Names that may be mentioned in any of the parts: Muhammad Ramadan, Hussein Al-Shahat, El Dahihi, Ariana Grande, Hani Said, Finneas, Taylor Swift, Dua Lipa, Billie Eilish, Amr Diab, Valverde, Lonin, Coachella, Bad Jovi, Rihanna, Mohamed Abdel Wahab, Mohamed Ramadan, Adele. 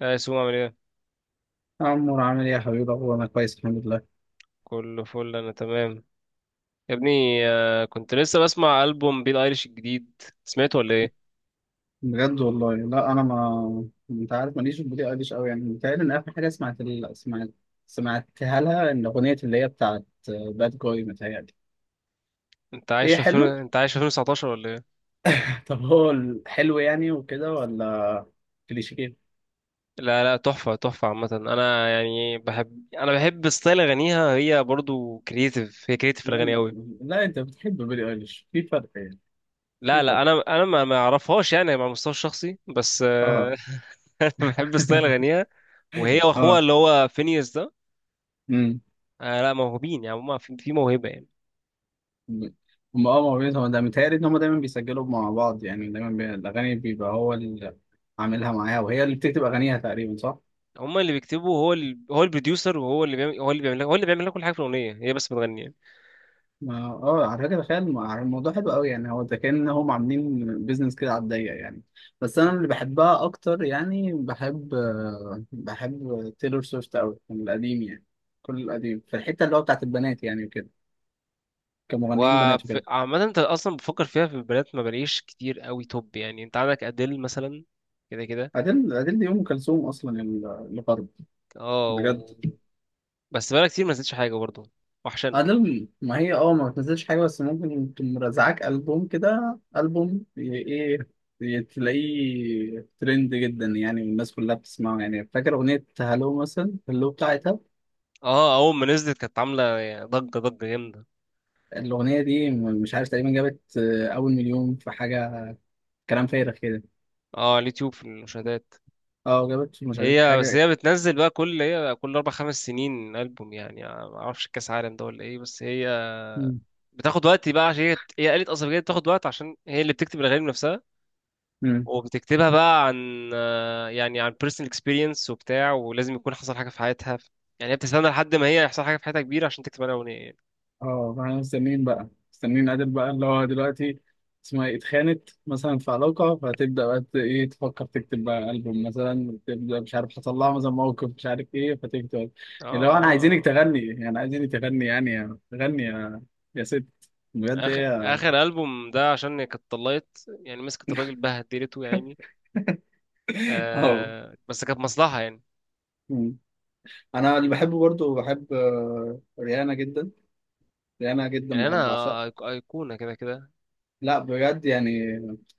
يا يسوع عامل ايه؟ يا عمور، عامل ايه يا حبيبي؟ هو انا كويس الحمد لله. كله فل، انا تمام يا ابني. كنت لسه بسمع البوم بيل ايريش الجديد، سمعته ولا ايه؟ بجد والله لا، انا، ما انت عارف، ماليش في البوليس قديش قوي. يعني متهيألي ان اخر حاجه سمعت ال... سمعت سمعتها لها ان اغنيه اللي هي بتاعت باد جوي، متهيألي. انت عايش ايه، في فين؟ حلو. انت عايش في 2019 ولا ايه؟ طب هو الحلو يعني وكده ولا كليشيه؟ لا لا، تحفه تحفه. عامه انا يعني بحب، انا بحب ستايل اغانيها، هي برضو كرييتيف، هي كرييتيف في لا الاغاني قوي. لا، انت بتحب بيلي ايليش؟ في فرق يعني، لا في لا، فرق. انا ما اعرفهاش يعني على المستوى الشخصي، بس اه. آه، انا بحب ستايل اغانيها، وهي واخوها اه. اللي هو فينيوس ده. آه لا، موهوبين يعني، هما في موهبه يعني. هم، اه موجودين. هو ده متهيألي إن هم دايما بيسجلوا مع بعض يعني، الأغاني بيبقى هو اللي عاملها معاها وهي اللي بتكتب أغانيها تقريبا، صح؟ هما اللي بيكتبوا، هو البروديوسر، وهو اللي بيعمل لك هو اللي بيعمل لك كل حاجه في الاغنيه، هي بس بتغني. على فكرة تخيل الموضوع حلو قوي يعني. هو ده كأن هم عاملين بيزنس كده على الضيق يعني. بس أنا يعني اللي بحبها أكتر يعني، بحب تيلور سويفت أوي من القديم يعني، كل القديم في الحتة اللي هو بتاعت البنات يعني وكده، كمغنيين بنات وكده. عامه انت اصلا بفكر فيها، في البنات ما بلاقيش كتير قوي توب، يعني انت عندك اديل مثلا، كده كده. أديل دي أم كلثوم أصلا، الغرب، اه بجد. و... بس بقالها كتير ما نزلتش حاجه برضه، وحشان والله. ألبوم، ما هي ما بتنزلش حاجة، بس ممكن تقوم مرزعاك ألبوم كده، ألبوم، تلاقيه ترند جدا يعني، والناس كلها بتسمعه يعني. فاكر أغنية هالو مثلا؟ هالو بتاعتها. اه اول ما نزلت كانت عامله يعني ضجه، ضجه جامده. الأغنية دي مش عارف تقريبا جابت أول مليون في حاجة، كلام فارغ كده. اه على اليوتيوب في المشاهدات. اه، جابت مش عارف هي بس حاجة. هي بتنزل بقى كل كل 4 5 سنين البوم، يعني ما اعرفش كاس عالم ده ولا ايه، بس هي مم. بتاخد وقت بقى، عشان هي آلة أصلا، بجد بتاخد وقت عشان هي اللي بتكتب الأغاني بنفسها، مم. وبتكتبها بقى عن يعني عن personal experience وبتاع، ولازم يكون حصل حاجة في حياتها، يعني هي بتستنى لحد ما هي يحصل حاجة في حياتها كبيرة عشان تكتب عليها أغنية يعني. اه، فاحنا مستنيين بقى، مستنيين عادل بقى اللي هو دلوقتي اسمها ايه اتخانت مثلا في علاقة، فتبدأ بقى ت- ايه تفكر تكتب بقى ألبوم مثلا، تبدأ مش عارف حصل لها مثلا موقف مش عارف ايه، فتكتب اه اللي هو ما انا عايزينك هو تغني يعني، عايزينك تغني يعني، تغني يا ست. بجد، آخر هي. آخر ألبوم ده عشان هي كانت طلقت يعني، مسكت الراجل بهدلته يا عيني. اه. آه بس كانت مصلحة يعني. مم. انا اللي بحبه برضو، بحب آه، ريانا جدا، ريانا جدا يعني أنا بحب، اعشقها. أيقونة كده كده. لا بجد يعني،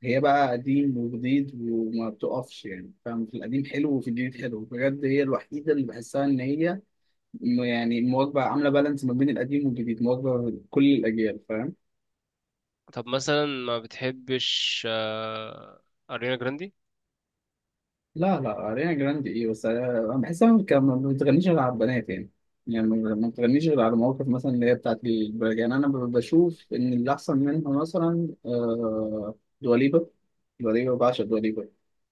هي بقى قديم وجديد وما بتقفش يعني، فاهم، في القديم حلو وفي الجديد حلو، بجد هي الوحيدة اللي بحسها إن هي يعني مواكبة، عاملة بالانس ما بين القديم والجديد، مواكبة كل الأجيال، فاهم. طب مثلا، ما بتحبش أريانا جراندي؟ لا لا، أريانا جراندي إيه، بس أنا بحسها ما بتغنيش غير على البنات يعني، يعني ما بتغنيش غير على مواقف مثلا اللي هي بتاعت البنات يعني. أنا بشوف إن اللي أحسن منها مثلا دواليبا. دواليبا بعشق دواليبا.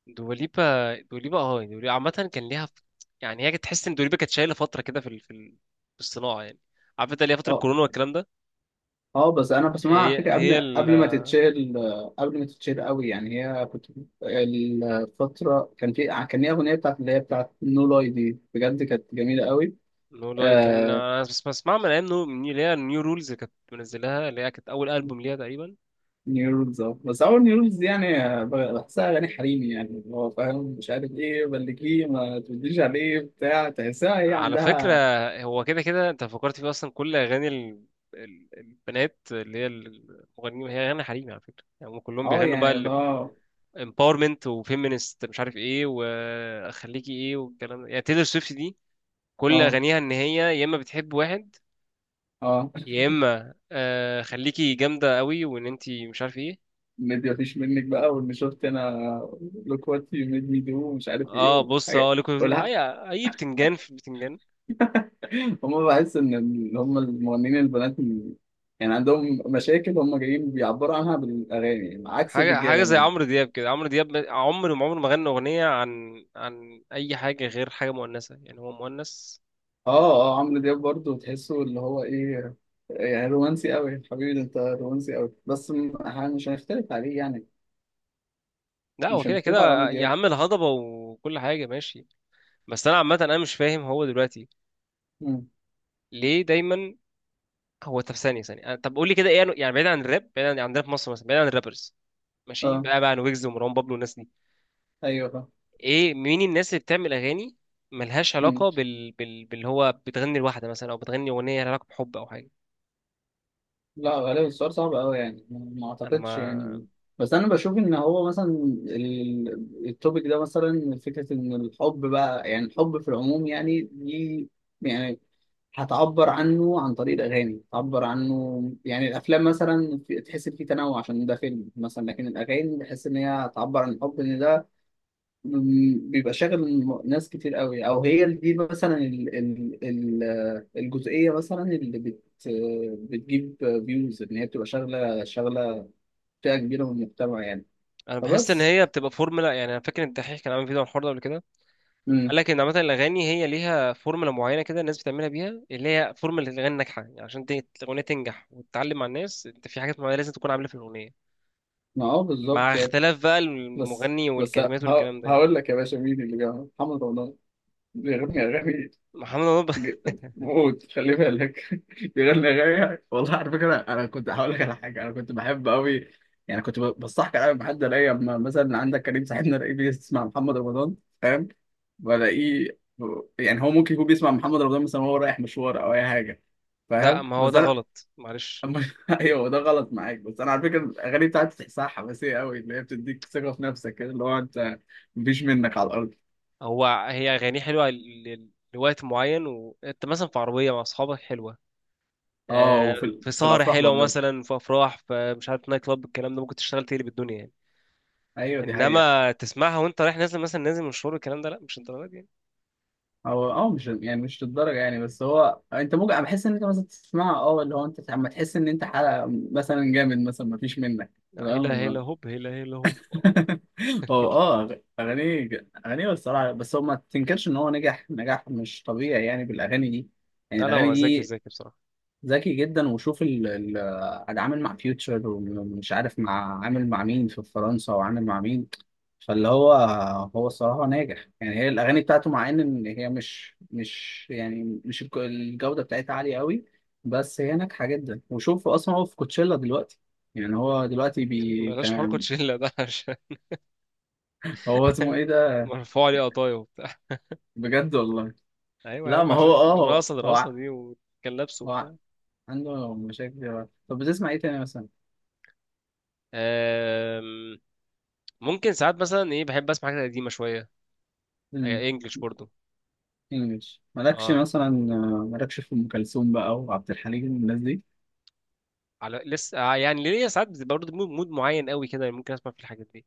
دوليبا، دوليبا، اه. يعني دوليبا عامة كان ليها يعني هي كانت تحس ان دوليبا كانت شايلة فترة كده في الصناعة يعني، عارف انت، اللي هي فترة اه، كورونا والكلام ده. اه، بس انا بسمعها على هي فكره قبل هي ال قبل ما تتشهر، قبل ما تتشهر قوي يعني. هي كنت الفتره، كان ليها اغنيه بتاعت اللي هي بتاعت نو لاي دي، بجد كانت جميله قوي. نو لا كان، آه، انا بس بسمع من ايام من اللي هي النيو رولز، اللي كانت منزلها، اللي هي كانت اول البوم ليها تقريبا. نيو رولز. اه، بس اول نيو رولز دي يعني، بحسها اغاني حريمي يعني، اللي هو فاهم مش عارف ايه، بلكيه ما تقوليش عليه بتاع، تحسها هي على فكرة، عندها. هو كده كده انت فكرت فيه اصلا، كل اغاني ال... ال- البنات اللي هي المغنيين هي اغاني حريمي على فكرة، يعني هم كلهم اه بيغنوا بقى يعني اللي ال هو. empowerment و feminist، مش عارف ايه واخليكي ايه والكلام ده. يعني تيلر سويفت دي كل اه، اغانيها ان هي يا اما بتحب واحد، اه، يا اما آه خليكي جامده قوي وان انتي مش عارف ايه. ميد مفيش منك بقى، واللي شفت انا لوك وات يو ميد مي دو، مش عارف ايه اه بص والحاجات. اه، لكم اي والح- اي بتنجان في بتنجان. هم، بحس ان اللي هم المغنيين البنات، يعني عندهم مشاكل هم جايين بيعبروا عنها بالاغاني، عكس حاجه حاجه الرجاله زي مثلا. عمرو دياب كده، عمرو دياب عمره ما غنى اغنيه عن اي حاجه غير حاجه مؤنثه، يعني هو مؤنث و... اه، اه، عمرو دياب برضه تحسه اللي هو ايه، يعني رومانسي قوي حبيبي ده، انت رومانسي قوي، بس مش هنختلف عليه يعني، لا هو مش كده هنختلف على عمرو كده يا دياب. عم الهضبه وكل حاجه ماشي. بس انا عامه انا مش فاهم هو دلوقتي مم. ليه دايما. هو طب ثانيه طب قول لي كده، ايه يعني بعيد عن الراب، بعيد عن راب مصر مثلا، بعيد عن الرابرز، ماشي، اه، بقى عن ويجز ومروان بابلو والناس دي، ايوه، ايه مين الناس اللي بتعمل اغاني ملهاش فاهم. علاقه باللي هو بتغني لوحده مثلا، او بتغني اغنيه لها علاقه بحب او حاجه. لا، غالبا السؤال صعب قوي يعني، ما انا اعتقدش ما يعني. بس انا بشوف ان هو مثلا التوبيك ده مثلا، فكره ان الحب بقى، يعني الحب في العموم يعني، دي يعني هتعبر عنه عن طريق الاغاني، هتعبر عنه يعني. الافلام مثلا تحس ان في تنوع عشان ده فيلم مثلا، لكن الاغاني بحس ان هي هتعبر عن الحب، ان ده بيبقى شاغل ناس كتير قوي، او هي دي مثلا ال الجزئيه مثلا اللي بتجيب فيوز، ان هي بتبقى شغله، شغله فئه كبيره من المجتمع يعني. انا بحس ان فبس. هي بتبقى فورمولا، يعني انا فاكر ان الدحيح كان عامل فيديو عن الحوار ده قبل كده، قال امم. لك ان عامه الاغاني هي ليها فورمولا معينه كده الناس بتعملها بيها، اللي هي فورمولا الاغاني الناجحه، يعني عشان الاغنيه تنجح وتتعلم مع الناس، انت في حاجات معينه لازم تكون عاملها في الاغنيه، ما هو مع بالظبط يعني. اختلاف بقى بس، المغني والكلمات والكلام ده يعني. هقول لك يا باشا، مين اللي جابها؟ محمد رمضان بيغني اغاني محمد رمضان جدا، موت خلي بالك. بيغني اغاني والله. على فكره انا كنت هقول لك على حاجه، انا كنت بحب قوي يعني، كنت بستحقر قوي بحد، الاقي اما مثلا عندك كريم صاحبنا، الاقيه بيسمع محمد رمضان، فاهم، بلاقيه يعني، هو ممكن يكون بيسمع محمد رمضان مثلا وهو رايح مشوار او اي حاجه، لا فاهم. ما هو بس ده انا غلط معلش. أما- ايوه، ده غلط معاك، بس انا على فكره الاغاني بتاعتي تحسها حماسيه قوي، اللي هي بتديك ثقه في نفسك كده، اللي هو انت مفيش منك على الارض. هو هي أغانيه حلوة لوقت معين، وأنت مثلا في عربية مع أصحابك حلوة، اه، وفي في في سهرة الافراح حلوة برضه. مثلا، في أفراح، في مش عارف نايت كلاب، الكلام ده ممكن تشتغل تقلب الدنيا يعني. ايوه، دي حقيقه. إنما تسمعها وأنت رايح، نازل مثلا نازل من الشغل، الكلام ده لا، مش الدرجة دي يعني. هو مش يعني، مش للدرجه يعني، بس هو انت ممكن، أنا بحس ان انت مثلا تسمعه، اللي هو انت لما تحس ان انت حلقه مثلا جامد مثلا، ما فيش منك. لا هلا هلا تمام. هوب، هلا هلا هوب. هو، اغانيه الصراحه، بس هو ما تنكرش ان هو نجح نجاح مش طبيعي يعني بالاغاني دي، يعني لا لا، الاغاني هو ذكي، دي ذكي بصراحة. ذكي جدا. وشوف ال عاد عامل مع فيوتشر، ومش عارف مع، عامل مع مين في فرنسا، وعامل مع مين. فاللي هو، هو الصراحة ناجح يعني، هي الأغاني بتاعته مع إن هي مش يعني مش، الجودة بتاعتها عالية قوي، بس هي ناجحة جدا. وشوف أصلا هو في كوتشيلا دلوقتي، يعني هو دلوقتي بي بلاش حركة كان، شلة ده عشان هو اسمه إيه ده؟ مرفوع عليه قطايا وبتاع. بجد والله. أيوة يا لا، عم، ما هو، عشان هو الرقصة، هو, الرقصة دي، وكان لابسه هو ع- وبتاع. عنده مشاكل دلوقتي. طب بتسمع إيه تاني مثلا؟ آم، ممكن ساعات مثلا إيه، بحب أسمع حاجات قديمة شوية، امم. هي انجلش برضو. إنجلش؟ مالكش اه مثلا، مالكش في أم كلثوم بقى وعبد الحليم والناس دي؟ على لسه يعني ليا ساعات بتبقى برضو مود معين قوي كده، ممكن اسمع في الحاجات دي،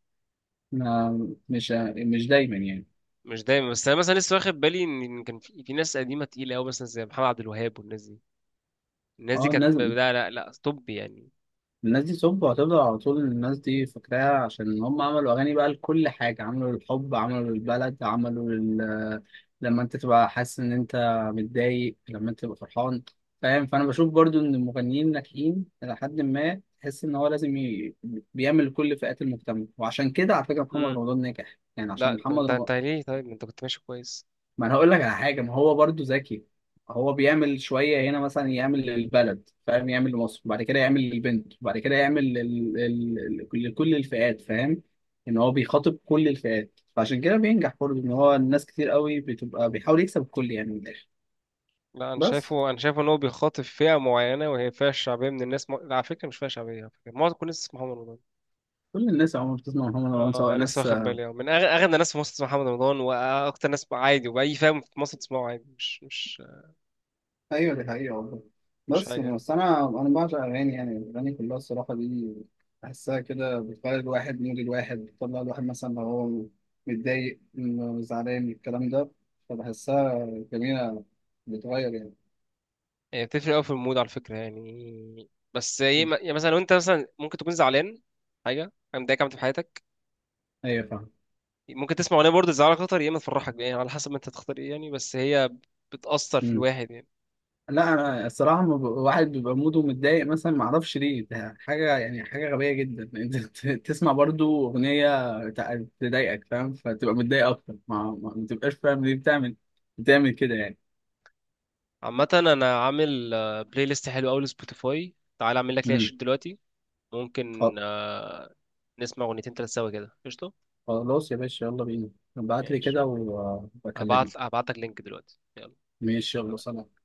مش، دايما يعني، مش دايما. بس انا مثلا لسه واخد بالي ان إن كان في, في ناس قديمه تقيله قوي مثلا زي محمد عبد الوهاب والناس دي، الناس دي اه، كانت الناس لا لا لا طب يعني. الناس دي سب، وهتفضل على طول الناس دي فاكراها عشان هم عملوا أغاني بقى لكل حاجة، عملوا للحب، عملوا للبلد، لما أنت تبقى حاسس إن أنت متضايق، لما أنت تبقى فرحان، فاهم. فأنا بشوف برضو إن المغنيين الناجحين إلى حد ما، تحس إن هو لازم بيعمل لكل فئات المجتمع. وعشان كده على فكرة محمد امم. رمضان ناجح يعني، عشان لا طب محمد انت رمضان، ليه؟ طيب ما انت كنت ماشي كويس. ما انا هقول لك على حاجه، ما هو برضو ذكي. هو بيعمل شويه هنا مثلا، يعمل للبلد فاهم، يعمل لمصر، وبعد كده يعمل للبنت، وبعد كده يعمل لكل الفئات، فاهم، ان هو بيخاطب كل الفئات، فعشان كده بينجح برضو. ان هو، الناس كتير قوي بتبقى، بيحاول يكسب الكل يعني من الاخر. لا انا بس، شايفه، انا شايفه ان هو بيخاطب فئه معينه، وهي فئه شعبيه من الناس، على فكره مش فئه شعبيه، على فكره معظم كل الناس اسمها محمد رمضان. كل الناس عموما بتسمع محمد رمضان سواء اه لسه ناس. واخد بالي، اه من اغنى ناس في مصر اسمها محمد رمضان، واكتر ناس عادي، واي فئه في مصر تسمعه عادي، مش مش ايوه، دي حقيقة والله. مش بس حاجة. بس انا بعشق اغاني يعني، الاغاني كلها الصراحة دي، بحسها كده بتغير الواحد، مود الواحد بتطلع، الواحد مثلا لو هو متضايق إنه زعلان الكلام ده، فبحسها جميلة، بتغير يعني. يعني بتفرق أوي في المود على فكرة يعني، بس هي يعني مثلا لو أنت مثلا ممكن تكون زعلان، حاجة حاجة مضايقك عملت في حياتك، ايوه، فاهم. ممكن تسمع أغنية برضه تزعلك أكتر، يا إما تفرحك، يعني على حسب ما أنت تختار إيه يعني، بس هي بتأثر في مم. الواحد يعني. لا، انا الصراحه ما، واحد بيبقى موده متضايق مثلا، ما اعرفش ليه، ده حاجه يعني حاجه غبيه جدا. انت تسمع برضو اغنيه تضايقك فاهم، فتبقى متضايق اكتر، ما ما تبقاش فاهم ليه بتعمل كده يعني. عامة أنا عامل بلاي ليست حلو أوي لسبوتيفاي، تعال أعمل لك ليها مم. شير دلوقتي، ممكن خل- نسمع أغنيتين تلات سوا كده، قشطة. خلاص يا باشا، يلا بينا. ابعت لي ماشي، كده وبكلمك. هبعت لك لينك دلوقتي يلا. ماشي، يلا، سلام.